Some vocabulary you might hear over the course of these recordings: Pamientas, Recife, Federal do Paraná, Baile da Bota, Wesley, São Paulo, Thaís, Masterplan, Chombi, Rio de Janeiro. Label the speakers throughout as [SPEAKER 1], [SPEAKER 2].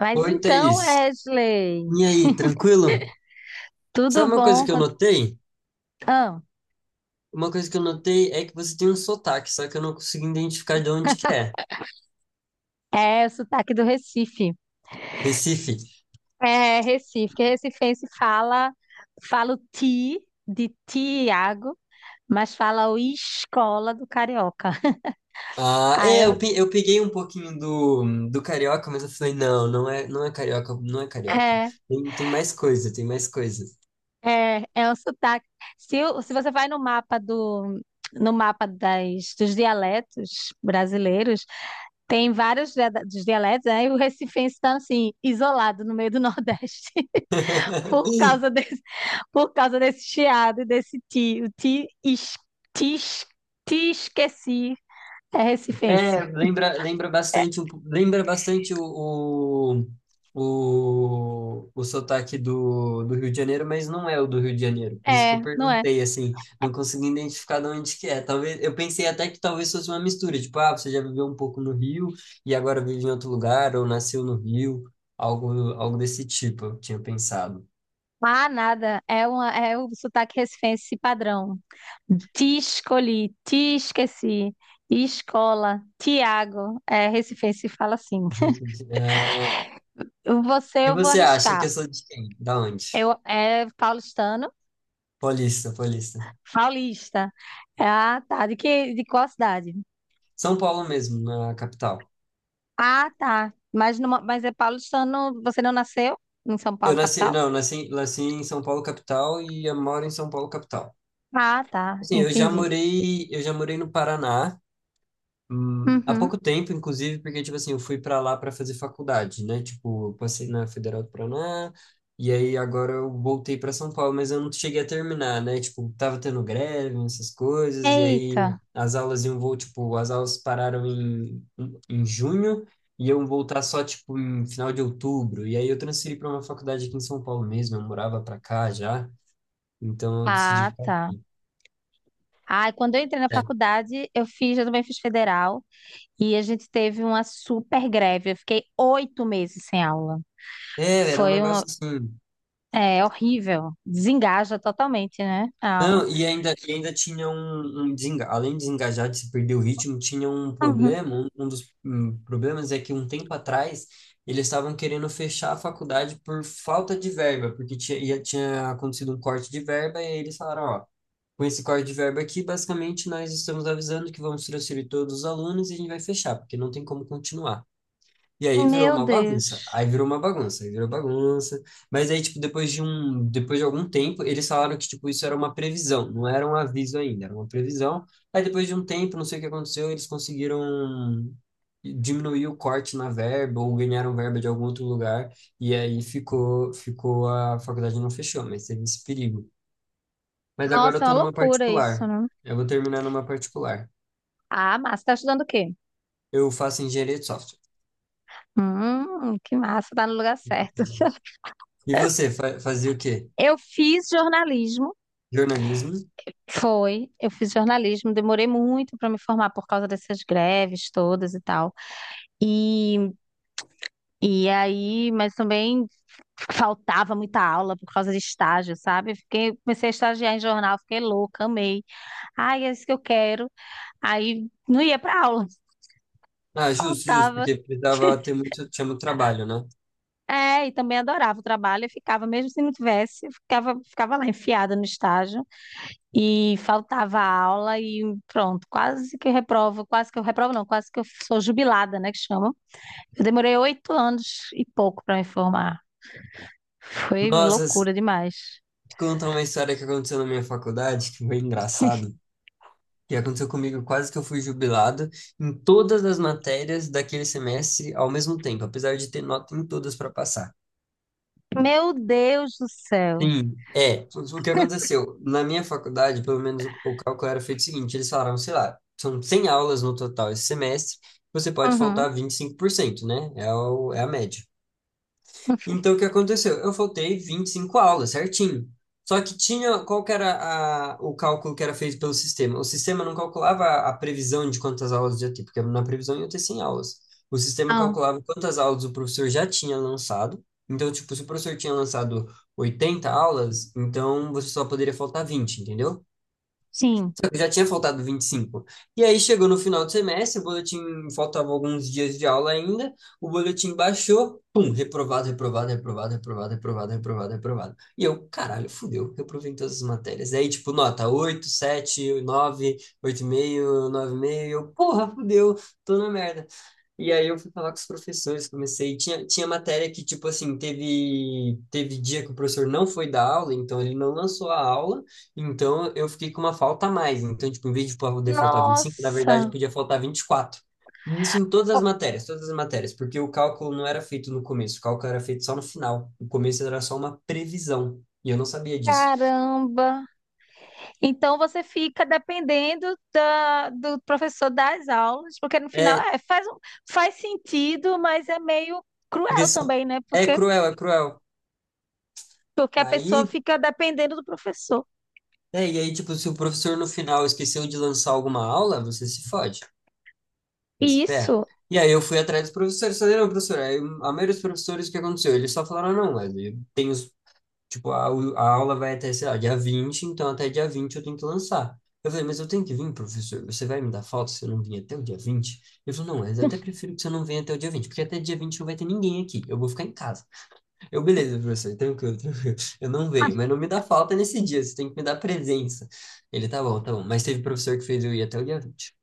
[SPEAKER 1] Mas
[SPEAKER 2] Oi,
[SPEAKER 1] então,
[SPEAKER 2] Thaís.
[SPEAKER 1] Wesley,
[SPEAKER 2] E aí, tranquilo?
[SPEAKER 1] tudo
[SPEAKER 2] Sabe uma coisa
[SPEAKER 1] bom?
[SPEAKER 2] que eu
[SPEAKER 1] Quanto...
[SPEAKER 2] notei?
[SPEAKER 1] Ah,
[SPEAKER 2] Uma coisa que eu notei é que você tem um sotaque, só que eu não consigo identificar de onde que é.
[SPEAKER 1] é o sotaque do Recife.
[SPEAKER 2] Recife.
[SPEAKER 1] É Recife, que recifense fala, fala o ti de Tiago, mas fala o escola do carioca.
[SPEAKER 2] Ah,
[SPEAKER 1] Ah,
[SPEAKER 2] é,
[SPEAKER 1] eu-
[SPEAKER 2] eu peguei um pouquinho do carioca, mas eu falei, não, não é, não é carioca, não é carioca.
[SPEAKER 1] é,
[SPEAKER 2] Tem mais coisa, tem mais coisa.
[SPEAKER 1] é um sotaque. Se você vai no mapa do no mapa dos dialetos brasileiros, tem vários dos dialetos, aí o recifense está assim, isolado no meio do Nordeste. por causa desse, por causa desse chiado e desse ti. O ti, es, ti, es- ti esqueci é recifense.
[SPEAKER 2] É, lembra bastante, lembra bastante o sotaque do Rio de Janeiro, mas não é o do Rio de Janeiro. Por isso que eu
[SPEAKER 1] É, não é?
[SPEAKER 2] perguntei, assim, não consegui identificar de onde que é. Talvez, eu pensei até que talvez fosse uma mistura, tipo, ah, você já viveu um pouco no Rio e agora vive em outro lugar, ou nasceu no Rio, algo desse tipo, eu tinha pensado.
[SPEAKER 1] Ah, nada. É o sotaque recifense padrão. Te escolhi, te esqueci. Escola, Tiago. É, recifense fala assim.
[SPEAKER 2] Desse- ah,
[SPEAKER 1] Você
[SPEAKER 2] E
[SPEAKER 1] eu vou
[SPEAKER 2] você acha que
[SPEAKER 1] arriscar.
[SPEAKER 2] eu sou de quem? Da onde?
[SPEAKER 1] É paulistano,
[SPEAKER 2] Paulista, paulista.
[SPEAKER 1] paulista. Ah, tá. De qual cidade?
[SPEAKER 2] São Paulo mesmo, na capital.
[SPEAKER 1] Ah, tá. Mas é paulistano, você não nasceu em São
[SPEAKER 2] Eu
[SPEAKER 1] Paulo,
[SPEAKER 2] nasci,
[SPEAKER 1] capital?
[SPEAKER 2] não, nasci em São Paulo capital e eu moro em São Paulo capital.
[SPEAKER 1] Ah, tá.
[SPEAKER 2] Assim, eu já
[SPEAKER 1] Entendi.
[SPEAKER 2] morei, eu já morei no Paraná, há
[SPEAKER 1] Uhum.
[SPEAKER 2] pouco tempo, inclusive, porque, tipo assim, eu fui pra lá pra fazer faculdade, né? Tipo, eu passei na Federal do Paraná, e aí agora eu voltei pra São Paulo, mas eu não cheguei a terminar, né? Tipo, tava tendo greve, essas coisas, e aí
[SPEAKER 1] Eita.
[SPEAKER 2] as aulas tipo, as aulas pararam em junho, e iam voltar só, tipo, em final de outubro. E aí eu transferi pra uma faculdade aqui em São Paulo mesmo, eu morava pra cá já, então eu decidi
[SPEAKER 1] Ah,
[SPEAKER 2] ficar.
[SPEAKER 1] tá. Ai, quando eu entrei na faculdade, eu também fiz federal, e a gente teve uma super greve. Eu fiquei 8 meses sem aula.
[SPEAKER 2] É, era um
[SPEAKER 1] Foi um,
[SPEAKER 2] negócio assim.
[SPEAKER 1] Horrível. Desengaja totalmente, né? A aula.
[SPEAKER 2] Não, e ainda tinha além de desengajar, de se perder o ritmo, tinha um
[SPEAKER 1] Uhum.
[SPEAKER 2] problema, um dos problemas é que um tempo atrás eles estavam querendo fechar a faculdade por falta de verba, porque tinha, tinha acontecido um corte de verba e eles falaram, ó, com esse corte de verba aqui, basicamente nós estamos avisando que vamos transferir todos os alunos e a gente vai fechar, porque não tem como continuar. E aí virou
[SPEAKER 1] Meu
[SPEAKER 2] uma bagunça.
[SPEAKER 1] Deus.
[SPEAKER 2] Aí virou uma bagunça, aí virou bagunça. Mas aí, tipo, depois de algum tempo, eles falaram que, tipo, isso era uma previsão, não era um aviso ainda, era uma previsão. Aí depois de um tempo, não sei o que aconteceu, eles conseguiram diminuir o corte na verba ou ganharam verba de algum outro lugar. E aí ficou a faculdade não fechou, mas teve esse perigo. Mas agora
[SPEAKER 1] Nossa,
[SPEAKER 2] eu
[SPEAKER 1] é
[SPEAKER 2] tô
[SPEAKER 1] uma
[SPEAKER 2] numa
[SPEAKER 1] loucura isso,
[SPEAKER 2] particular.
[SPEAKER 1] né?
[SPEAKER 2] Eu vou terminar numa particular.
[SPEAKER 1] Ah, massa. Tá estudando o quê?
[SPEAKER 2] Eu faço engenharia de software.
[SPEAKER 1] Que massa. Tá no lugar certo.
[SPEAKER 2] E você, fazia o quê?
[SPEAKER 1] Eu fiz jornalismo,
[SPEAKER 2] Jornalismo?
[SPEAKER 1] foi. Eu fiz jornalismo, demorei muito para me formar por causa dessas greves todas e tal. E, e aí, mas também faltava muita aula por causa de estágio, sabe? Comecei a estagiar em jornal, fiquei louca, amei. Ai, é isso que eu quero. Aí não ia para aula,
[SPEAKER 2] Ah, justo, justo,
[SPEAKER 1] faltava.
[SPEAKER 2] porque tinha muito trabalho, né?
[SPEAKER 1] É, e também adorava o trabalho, mesmo se não tivesse, eu ficava lá enfiada no estágio. E faltava aula e pronto, quase que eu reprovo, não, quase que eu sou jubilada, né, que chamam. Eu demorei 8 anos e pouco para me formar. Foi
[SPEAKER 2] Nossa,
[SPEAKER 1] loucura demais.
[SPEAKER 2] te uma história que aconteceu na minha faculdade, que foi engraçado, que aconteceu comigo quase que eu fui jubilado em todas as matérias daquele semestre ao mesmo tempo, apesar de ter nota em todas para passar.
[SPEAKER 1] Meu Deus do céu.
[SPEAKER 2] Sim, é, o que aconteceu? Na minha faculdade, pelo menos o cálculo era feito o seguinte, eles falaram, sei lá, são 100 aulas no total esse semestre, você pode
[SPEAKER 1] Uhum.
[SPEAKER 2] faltar 25%, né? É, é a média. Então, o que aconteceu? Eu faltei 25 aulas, certinho. Só que tinha, qual que era o cálculo que era feito pelo sistema? O sistema não calculava a previsão de quantas aulas ia ter, porque na previsão ia ter 100 aulas. O sistema
[SPEAKER 1] Ah,
[SPEAKER 2] calculava quantas aulas o professor já tinha lançado. Então, tipo, se o professor tinha lançado 80 aulas, então você só poderia faltar 20, entendeu?
[SPEAKER 1] sim.
[SPEAKER 2] Só que já tinha faltado 25. E cinco. E aí chegou no final do semestre, o boletim faltava alguns dias de aula ainda, o boletim baixou, pum, reprovado, reprovado, reprovado, reprovado, reprovado, reprovado, reprovado. E eu, caralho, fudeu, reprovei em todas as matérias. Aí, tipo, nota 8, 7, 9, 8,5, 9,5, eu, porra, fudeu, tô na merda. E aí eu fui falar com os professores, comecei, tinha matéria que, tipo assim, teve dia que o professor não foi dar aula, então ele não lançou a aula, então eu fiquei com uma falta a mais. Então, tipo, em vez de poder faltar 25 na verdade
[SPEAKER 1] Nossa,
[SPEAKER 2] podia faltar 24. E quatro. E isso em
[SPEAKER 1] oh,
[SPEAKER 2] todas as matérias, porque o cálculo não era feito no começo, o cálculo era feito só no final. O começo era só uma previsão, e eu não sabia disso.
[SPEAKER 1] caramba. Então você fica dependendo do professor das aulas, porque no final,
[SPEAKER 2] É,
[SPEAKER 1] faz sentido, mas é meio
[SPEAKER 2] porque
[SPEAKER 1] cruel
[SPEAKER 2] só,
[SPEAKER 1] também, né?
[SPEAKER 2] é
[SPEAKER 1] Porque
[SPEAKER 2] cruel, é cruel.
[SPEAKER 1] Porque a pessoa
[SPEAKER 2] Aí,
[SPEAKER 1] fica dependendo do professor.
[SPEAKER 2] e aí, tipo, se o professor no final esqueceu de lançar alguma aula, você se fode.
[SPEAKER 1] E
[SPEAKER 2] Esse ferro.
[SPEAKER 1] Isso,
[SPEAKER 2] E aí eu fui atrás dos professores, falei, não, professor, aí a maioria dos professores, o que aconteceu? Eles só falaram, não, Wesley, tem os, tipo, a aula vai até, sei lá, dia 20 então até dia 20 eu tenho que lançar. Eu falei, mas eu tenho que vir, professor, você vai me dar falta se eu não vir até o dia 20. Ele falou, não, mas eu até prefiro que você não venha até o dia 20 porque até dia 20 não vai ter ninguém aqui, eu vou ficar em casa. Eu, beleza, professor, tranquilo, tranquilo, eu não venho, mas não me dá falta nesse dia, você tem que me dar presença. Ele, tá bom, mas teve professor que fez eu ir até o dia 20.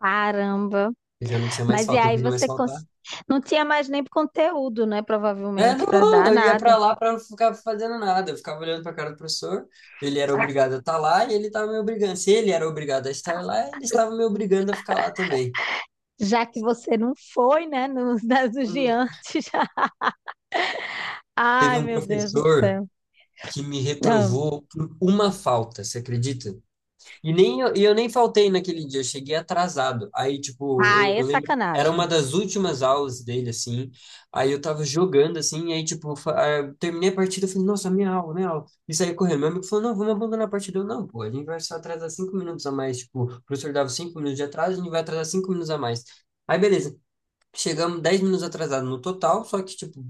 [SPEAKER 1] caramba.
[SPEAKER 2] Eu já não tinha mais
[SPEAKER 1] Mas e
[SPEAKER 2] falta, não
[SPEAKER 1] aí
[SPEAKER 2] podia mais
[SPEAKER 1] você
[SPEAKER 2] faltar.
[SPEAKER 1] cons- não tinha mais nem conteúdo, né?
[SPEAKER 2] É,
[SPEAKER 1] Provavelmente, para
[SPEAKER 2] não,
[SPEAKER 1] dar
[SPEAKER 2] eu ia
[SPEAKER 1] nada.
[SPEAKER 2] pra lá pra não ficar fazendo nada. Eu ficava olhando pra cara do professor. Ele era obrigado a estar lá e ele estava me obrigando. Se ele era obrigado a estar lá, ele estava me obrigando a ficar lá também.
[SPEAKER 1] Já que você não foi, né? Nos das do diante já.
[SPEAKER 2] Teve
[SPEAKER 1] Ai,
[SPEAKER 2] um
[SPEAKER 1] meu Deus do
[SPEAKER 2] professor
[SPEAKER 1] céu.
[SPEAKER 2] que me
[SPEAKER 1] Não.
[SPEAKER 2] reprovou por uma falta, você acredita? E nem eu, e eu nem faltei naquele dia, eu cheguei atrasado. Aí, tipo,
[SPEAKER 1] Ah,
[SPEAKER 2] eu,
[SPEAKER 1] é
[SPEAKER 2] eu lembro, era uma
[SPEAKER 1] sacanagem.
[SPEAKER 2] das últimas aulas dele, assim. Aí eu tava jogando, assim, e aí, tipo, eu terminei a partida, eu falei, nossa, minha aula, minha aula. E saí correndo. Meu amigo falou, não, vamos abandonar a partida. Eu, não, pô, a gente vai só atrasar 5 minutos a mais. Tipo, o professor dava 5 minutos de atraso, a gente vai atrasar 5 minutos a mais. Aí, beleza. Chegamos 10 minutos atrasado no total, só que, tipo,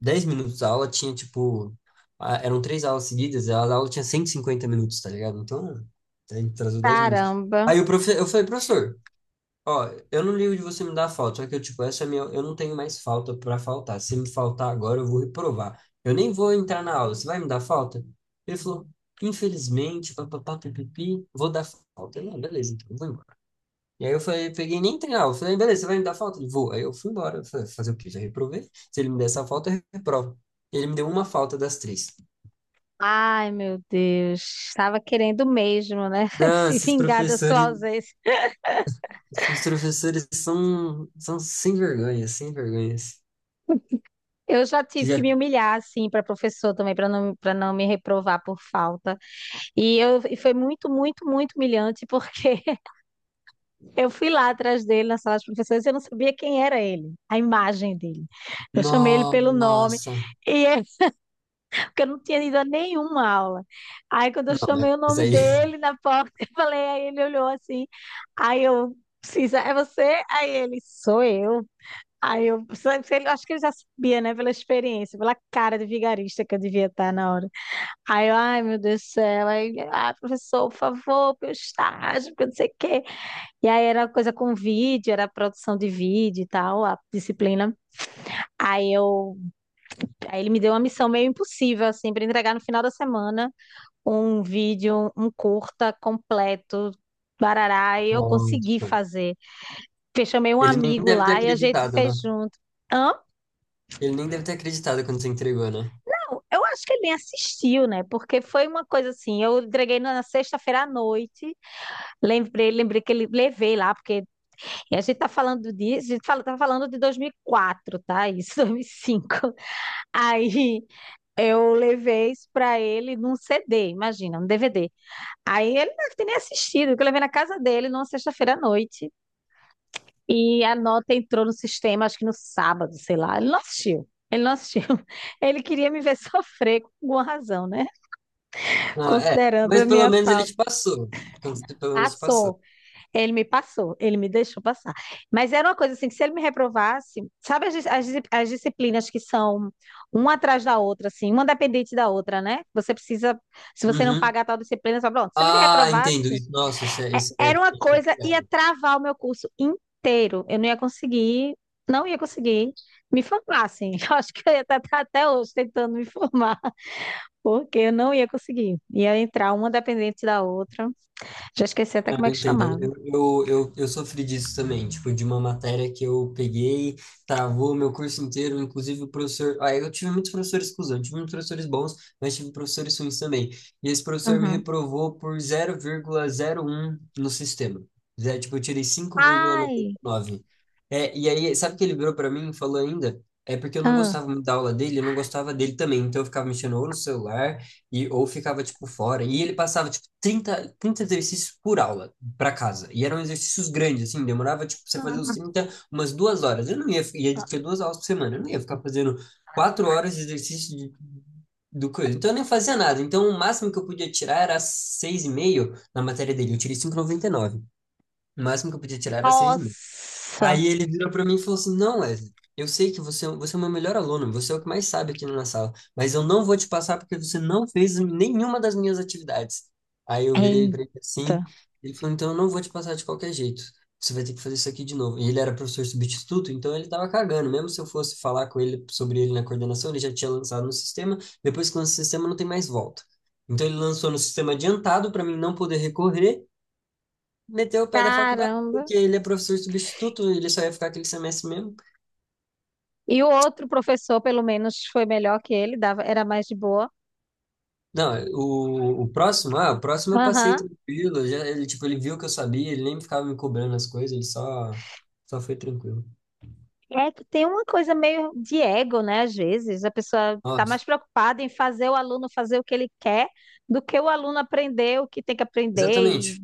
[SPEAKER 2] 10 minutos a aula tinha, tipo, eram três aulas seguidas, a aula tinha 150 minutos, tá ligado? Então, a gente atrasou 10 minutos.
[SPEAKER 1] Caramba.
[SPEAKER 2] Aí o profe, eu falei, professor, ó, eu não ligo de você me dar falta, só que eu, tipo, eu não tenho mais falta pra faltar. Se me faltar agora, eu vou reprovar. Eu nem vou entrar na aula, você vai me dar falta? Ele falou, infelizmente, papapá, pipipi, vou dar falta. Eu, não, beleza, então, eu vou embora. E aí eu falei, peguei e nem treinar. Eu falei, beleza, você vai me dar falta? Ele, vou. Aí eu fui embora. Eu falei, fazer o quê? Já reprovei? Se ele me der essa falta, eu reprovo. Ele me deu uma falta das três.
[SPEAKER 1] Ai, meu Deus. Estava querendo mesmo, né?
[SPEAKER 2] Não,
[SPEAKER 1] Se
[SPEAKER 2] esses
[SPEAKER 1] vingar da sua
[SPEAKER 2] professores,
[SPEAKER 1] ausência.
[SPEAKER 2] esses professores são sem vergonha, sem vergonhas.
[SPEAKER 1] Eu já
[SPEAKER 2] Você
[SPEAKER 1] tive que
[SPEAKER 2] já.
[SPEAKER 1] me humilhar, assim, para professor também, para não me reprovar por falta. E foi muito, muito, muito humilhante, porque eu fui lá atrás dele na sala de professores e eu não sabia quem era ele, a imagem dele. Eu chamei ele pelo nome,
[SPEAKER 2] Nossa.
[SPEAKER 1] e é- porque eu não tinha ido a nenhuma aula. Aí, quando eu
[SPEAKER 2] Não,
[SPEAKER 1] chamei o
[SPEAKER 2] mas
[SPEAKER 1] nome
[SPEAKER 2] aí.
[SPEAKER 1] dele na porta, eu falei, aí ele olhou assim, aí eu, Cisa, é você? Aí ele, sou eu. Aí eu, só que ele- Acho que ele já sabia, né, pela experiência, pela cara de vigarista que eu devia estar na hora. Ai meu Deus do céu, aí, ah, professor, por favor, meu estágio, porque não sei o quê. E aí era coisa com vídeo, era produção de vídeo e tal, a disciplina. Aí eu, aí ele me deu uma missão meio impossível, assim, para entregar no final da semana um vídeo, um curta completo, barará, e eu consegui
[SPEAKER 2] Nossa.
[SPEAKER 1] fazer. Eu chamei um
[SPEAKER 2] Ele nem
[SPEAKER 1] amigo
[SPEAKER 2] deve ter
[SPEAKER 1] lá e a gente
[SPEAKER 2] acreditado, né?
[SPEAKER 1] fez junto. Amo,
[SPEAKER 2] Ele nem deve ter acreditado quando você entregou, né?
[SPEAKER 1] eu acho que ele nem assistiu, né? Porque foi uma coisa assim, eu entreguei na sexta-feira à noite. Lembrei que ele levei lá, porque a gente tá falando disso, a gente fala, tá falando de 2004, tá? Isso, 2005. Aí eu levei isso pra ele num CD, imagina, um DVD. Aí ele não deve nem assistido, que eu levei na casa dele numa sexta-feira à noite. E a nota entrou no sistema, acho que no sábado, sei lá. Ele não assistiu. Ele queria me ver sofrer com alguma razão, né?
[SPEAKER 2] Não, é.
[SPEAKER 1] Considerando a
[SPEAKER 2] Mas pelo
[SPEAKER 1] minha
[SPEAKER 2] menos ele
[SPEAKER 1] falta.
[SPEAKER 2] te passou. Quando Pelo menos te passou.
[SPEAKER 1] Passou. Ele me deixou passar. Mas era uma coisa assim, que se ele me reprovasse, sabe as disciplinas que são uma atrás da outra, assim, uma dependente da outra, né? Se você não
[SPEAKER 2] Uhum.
[SPEAKER 1] pagar tal disciplina, só pronto. Se ele me
[SPEAKER 2] Ah, entendo.
[SPEAKER 1] reprovasse,
[SPEAKER 2] Nossa, isso é, isso
[SPEAKER 1] era
[SPEAKER 2] é,
[SPEAKER 1] uma
[SPEAKER 2] isso é
[SPEAKER 1] coisa, ia
[SPEAKER 2] pegado.
[SPEAKER 1] travar o meu curso inteiro. Eu não ia conseguir, não ia conseguir me formar, assim. Eu acho que eu ia estar até hoje tentando me formar, porque eu não ia conseguir. Ia entrar uma dependente da outra. Já esqueci até como é
[SPEAKER 2] Eu
[SPEAKER 1] que
[SPEAKER 2] entendo,
[SPEAKER 1] chamava.
[SPEAKER 2] eu sofri disso também, tipo, de uma matéria que eu peguei, travou meu curso inteiro, inclusive o professor. Ah, eu tive muitos professores cuzão, tive muitos professores bons, mas tive professores ruins também. E esse professor me
[SPEAKER 1] Uhum.
[SPEAKER 2] reprovou por 0,01 no sistema. Zé, tipo, eu tirei cinco vírgula noventa e
[SPEAKER 1] Ai!
[SPEAKER 2] nove É, e aí, sabe o que ele virou pra mim e falou ainda? É porque eu não
[SPEAKER 1] Ah,
[SPEAKER 2] gostava muito da aula dele, eu não gostava dele também. Então eu ficava mexendo ou no celular, ou ficava, tipo, fora. E ele passava, tipo, trinta exercícios por aula para casa. E eram exercícios grandes, assim, demorava, tipo, você fazer os
[SPEAKER 1] Ah.
[SPEAKER 2] 30, umas 2 horas. Eu não ia, ia ter duas aulas por semana, eu não ia ficar fazendo 4 horas de exercício do coisa. Então eu nem fazia nada. Então o máximo que eu podia tirar era 6,5 na matéria dele. Eu tirei cinco vírgula noventa e nove. O máximo que eu podia tirar era 6,5.
[SPEAKER 1] nossa.
[SPEAKER 2] Aí ele virou para mim e falou assim: Não, Wesley, eu sei que você é o meu melhor aluno, você é o que mais sabe aqui na minha sala, mas eu não vou te passar porque você não fez nenhuma das minhas atividades. Aí eu virei
[SPEAKER 1] Eita.
[SPEAKER 2] para ele assim, ele falou: Então eu não vou te passar de qualquer jeito, você vai ter que fazer isso aqui de novo. E ele era professor substituto, então ele estava cagando, mesmo se eu fosse falar com ele sobre ele na coordenação, ele já tinha lançado no sistema, depois que lança o sistema não tem mais volta. Então ele lançou no sistema adiantado para mim não poder recorrer. Meteu o pé da faculdade,
[SPEAKER 1] Caramba.
[SPEAKER 2] porque ele é professor substituto, ele só ia ficar aquele semestre mesmo.
[SPEAKER 1] E o outro professor, pelo menos, foi melhor que ele, dava, era mais de boa.
[SPEAKER 2] Não, o próximo eu passei
[SPEAKER 1] Aham.
[SPEAKER 2] tranquilo, já, ele, tipo, ele viu que eu sabia, ele nem ficava me cobrando as coisas, ele só foi tranquilo.
[SPEAKER 1] É que tem uma coisa meio de ego, né? Às vezes, a pessoa
[SPEAKER 2] Ó,
[SPEAKER 1] está mais preocupada em fazer o aluno fazer o que ele quer do que o aluno aprender o que tem que aprender. E
[SPEAKER 2] exatamente,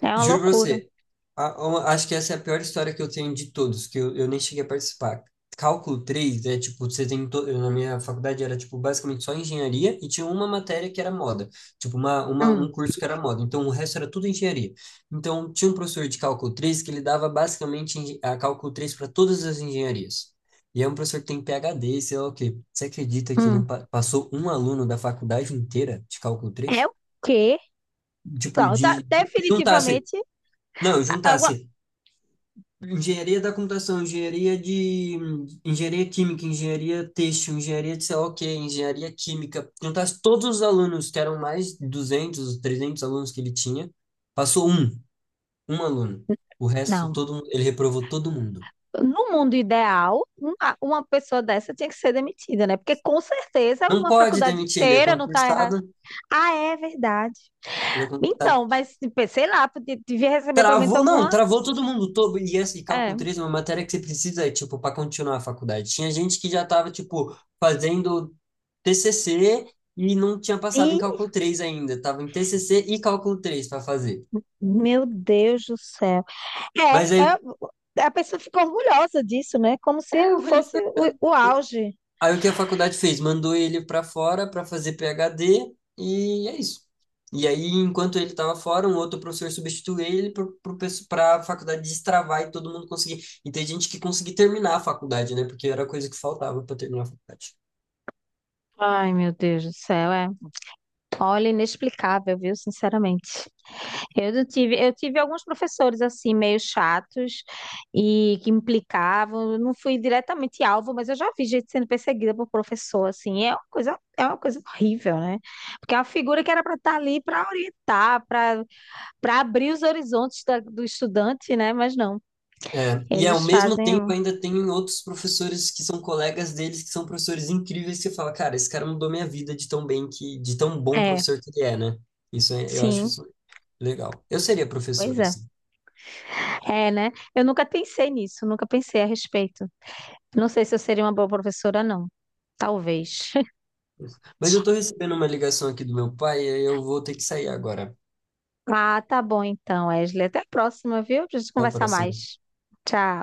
[SPEAKER 1] é uma
[SPEAKER 2] juro pra
[SPEAKER 1] loucura.
[SPEAKER 2] você, acho que essa é a pior história que eu tenho de todos, que eu nem cheguei a participar. Cálculo 3 é tipo. Na minha faculdade era tipo basicamente só engenharia e tinha uma matéria que era moda. Tipo, uma, uma,
[SPEAKER 1] Hum,
[SPEAKER 2] um curso que era moda. Então o resto era tudo engenharia. Então tinha um professor de cálculo 3 que ele dava basicamente a cálculo 3 para todas as engenharias. E é um professor que tem PhD, sei lá o quê. Você acredita que não
[SPEAKER 1] hum.
[SPEAKER 2] passou um aluno da faculdade inteira de cálculo
[SPEAKER 1] É
[SPEAKER 2] 3,
[SPEAKER 1] o quê?
[SPEAKER 2] Tipo,
[SPEAKER 1] Não, tá,
[SPEAKER 2] de juntasse
[SPEAKER 1] definitivamente.
[SPEAKER 2] não,
[SPEAKER 1] Alguma...
[SPEAKER 2] juntasse engenharia da computação, engenharia química, engenharia têxtil, engenharia de sei lá o quê, engenharia química, juntasse todos os alunos, que eram mais de 200, 300 alunos que ele tinha, passou um, aluno. O resto,
[SPEAKER 1] Não.
[SPEAKER 2] ele reprovou todo mundo.
[SPEAKER 1] No mundo ideal, uma pessoa dessa tinha que ser demitida, né? Porque com certeza
[SPEAKER 2] Não
[SPEAKER 1] uma
[SPEAKER 2] pode
[SPEAKER 1] faculdade
[SPEAKER 2] demitir, ele é
[SPEAKER 1] inteira não está errada.
[SPEAKER 2] concursado,
[SPEAKER 1] Ah, é verdade.
[SPEAKER 2] ele é concursado
[SPEAKER 1] Então, mas tipo, sei lá, podia, devia receber pelo menos
[SPEAKER 2] Travou, não,
[SPEAKER 1] alguma.
[SPEAKER 2] travou todo mundo todo. E esse
[SPEAKER 1] É.
[SPEAKER 2] cálculo 3 é uma matéria que você precisa, tipo, para continuar a faculdade. Tinha gente que já tava, tipo, fazendo TCC e não tinha passado em
[SPEAKER 1] E,
[SPEAKER 2] cálculo 3 ainda. Tava em TCC e cálculo 3 para fazer.
[SPEAKER 1] meu Deus do céu.
[SPEAKER 2] Mas
[SPEAKER 1] É,
[SPEAKER 2] aí,
[SPEAKER 1] a pessoa ficou orgulhosa disso, né? Como
[SPEAKER 2] é,
[SPEAKER 1] se
[SPEAKER 2] ele
[SPEAKER 1] fosse
[SPEAKER 2] ficou.
[SPEAKER 1] o auge.
[SPEAKER 2] Aí o que a faculdade fez? Mandou ele para fora para fazer PhD e é isso. E aí, enquanto ele estava fora, um outro professor substituiu ele para a faculdade destravar e todo mundo conseguir. E tem gente que conseguiu terminar a faculdade, né? Porque era a coisa que faltava para terminar a faculdade.
[SPEAKER 1] Ai, meu Deus do céu, é. Olha, inexplicável, viu? Sinceramente. Eu não tive, Eu tive alguns professores assim meio chatos e que implicavam. Eu não fui diretamente alvo, mas eu já vi gente sendo perseguida por professor assim. É uma coisa horrível, né? Porque é uma figura que era para estar ali para orientar, para abrir os horizontes do estudante, né? Mas não,
[SPEAKER 2] É, e ao
[SPEAKER 1] eles
[SPEAKER 2] mesmo
[SPEAKER 1] fazem.
[SPEAKER 2] tempo
[SPEAKER 1] um-
[SPEAKER 2] ainda tem outros professores que são colegas deles, que são professores incríveis, que você fala, cara, esse cara mudou minha vida de tão bom
[SPEAKER 1] É,
[SPEAKER 2] professor que ele é, né? Eu acho
[SPEAKER 1] sim,
[SPEAKER 2] isso legal. Eu seria
[SPEAKER 1] pois
[SPEAKER 2] professor,
[SPEAKER 1] é.
[SPEAKER 2] assim.
[SPEAKER 1] É, né? Eu nunca pensei nisso, Nunca pensei a respeito. Não sei se eu seria uma boa professora, não. Talvez.
[SPEAKER 2] Mas eu tô recebendo uma ligação aqui do meu pai e eu vou ter que sair agora.
[SPEAKER 1] Ah, tá bom então, Wesley. Até a próxima, viu? Pra gente
[SPEAKER 2] Até a
[SPEAKER 1] conversar
[SPEAKER 2] próxima.
[SPEAKER 1] mais. Tchau.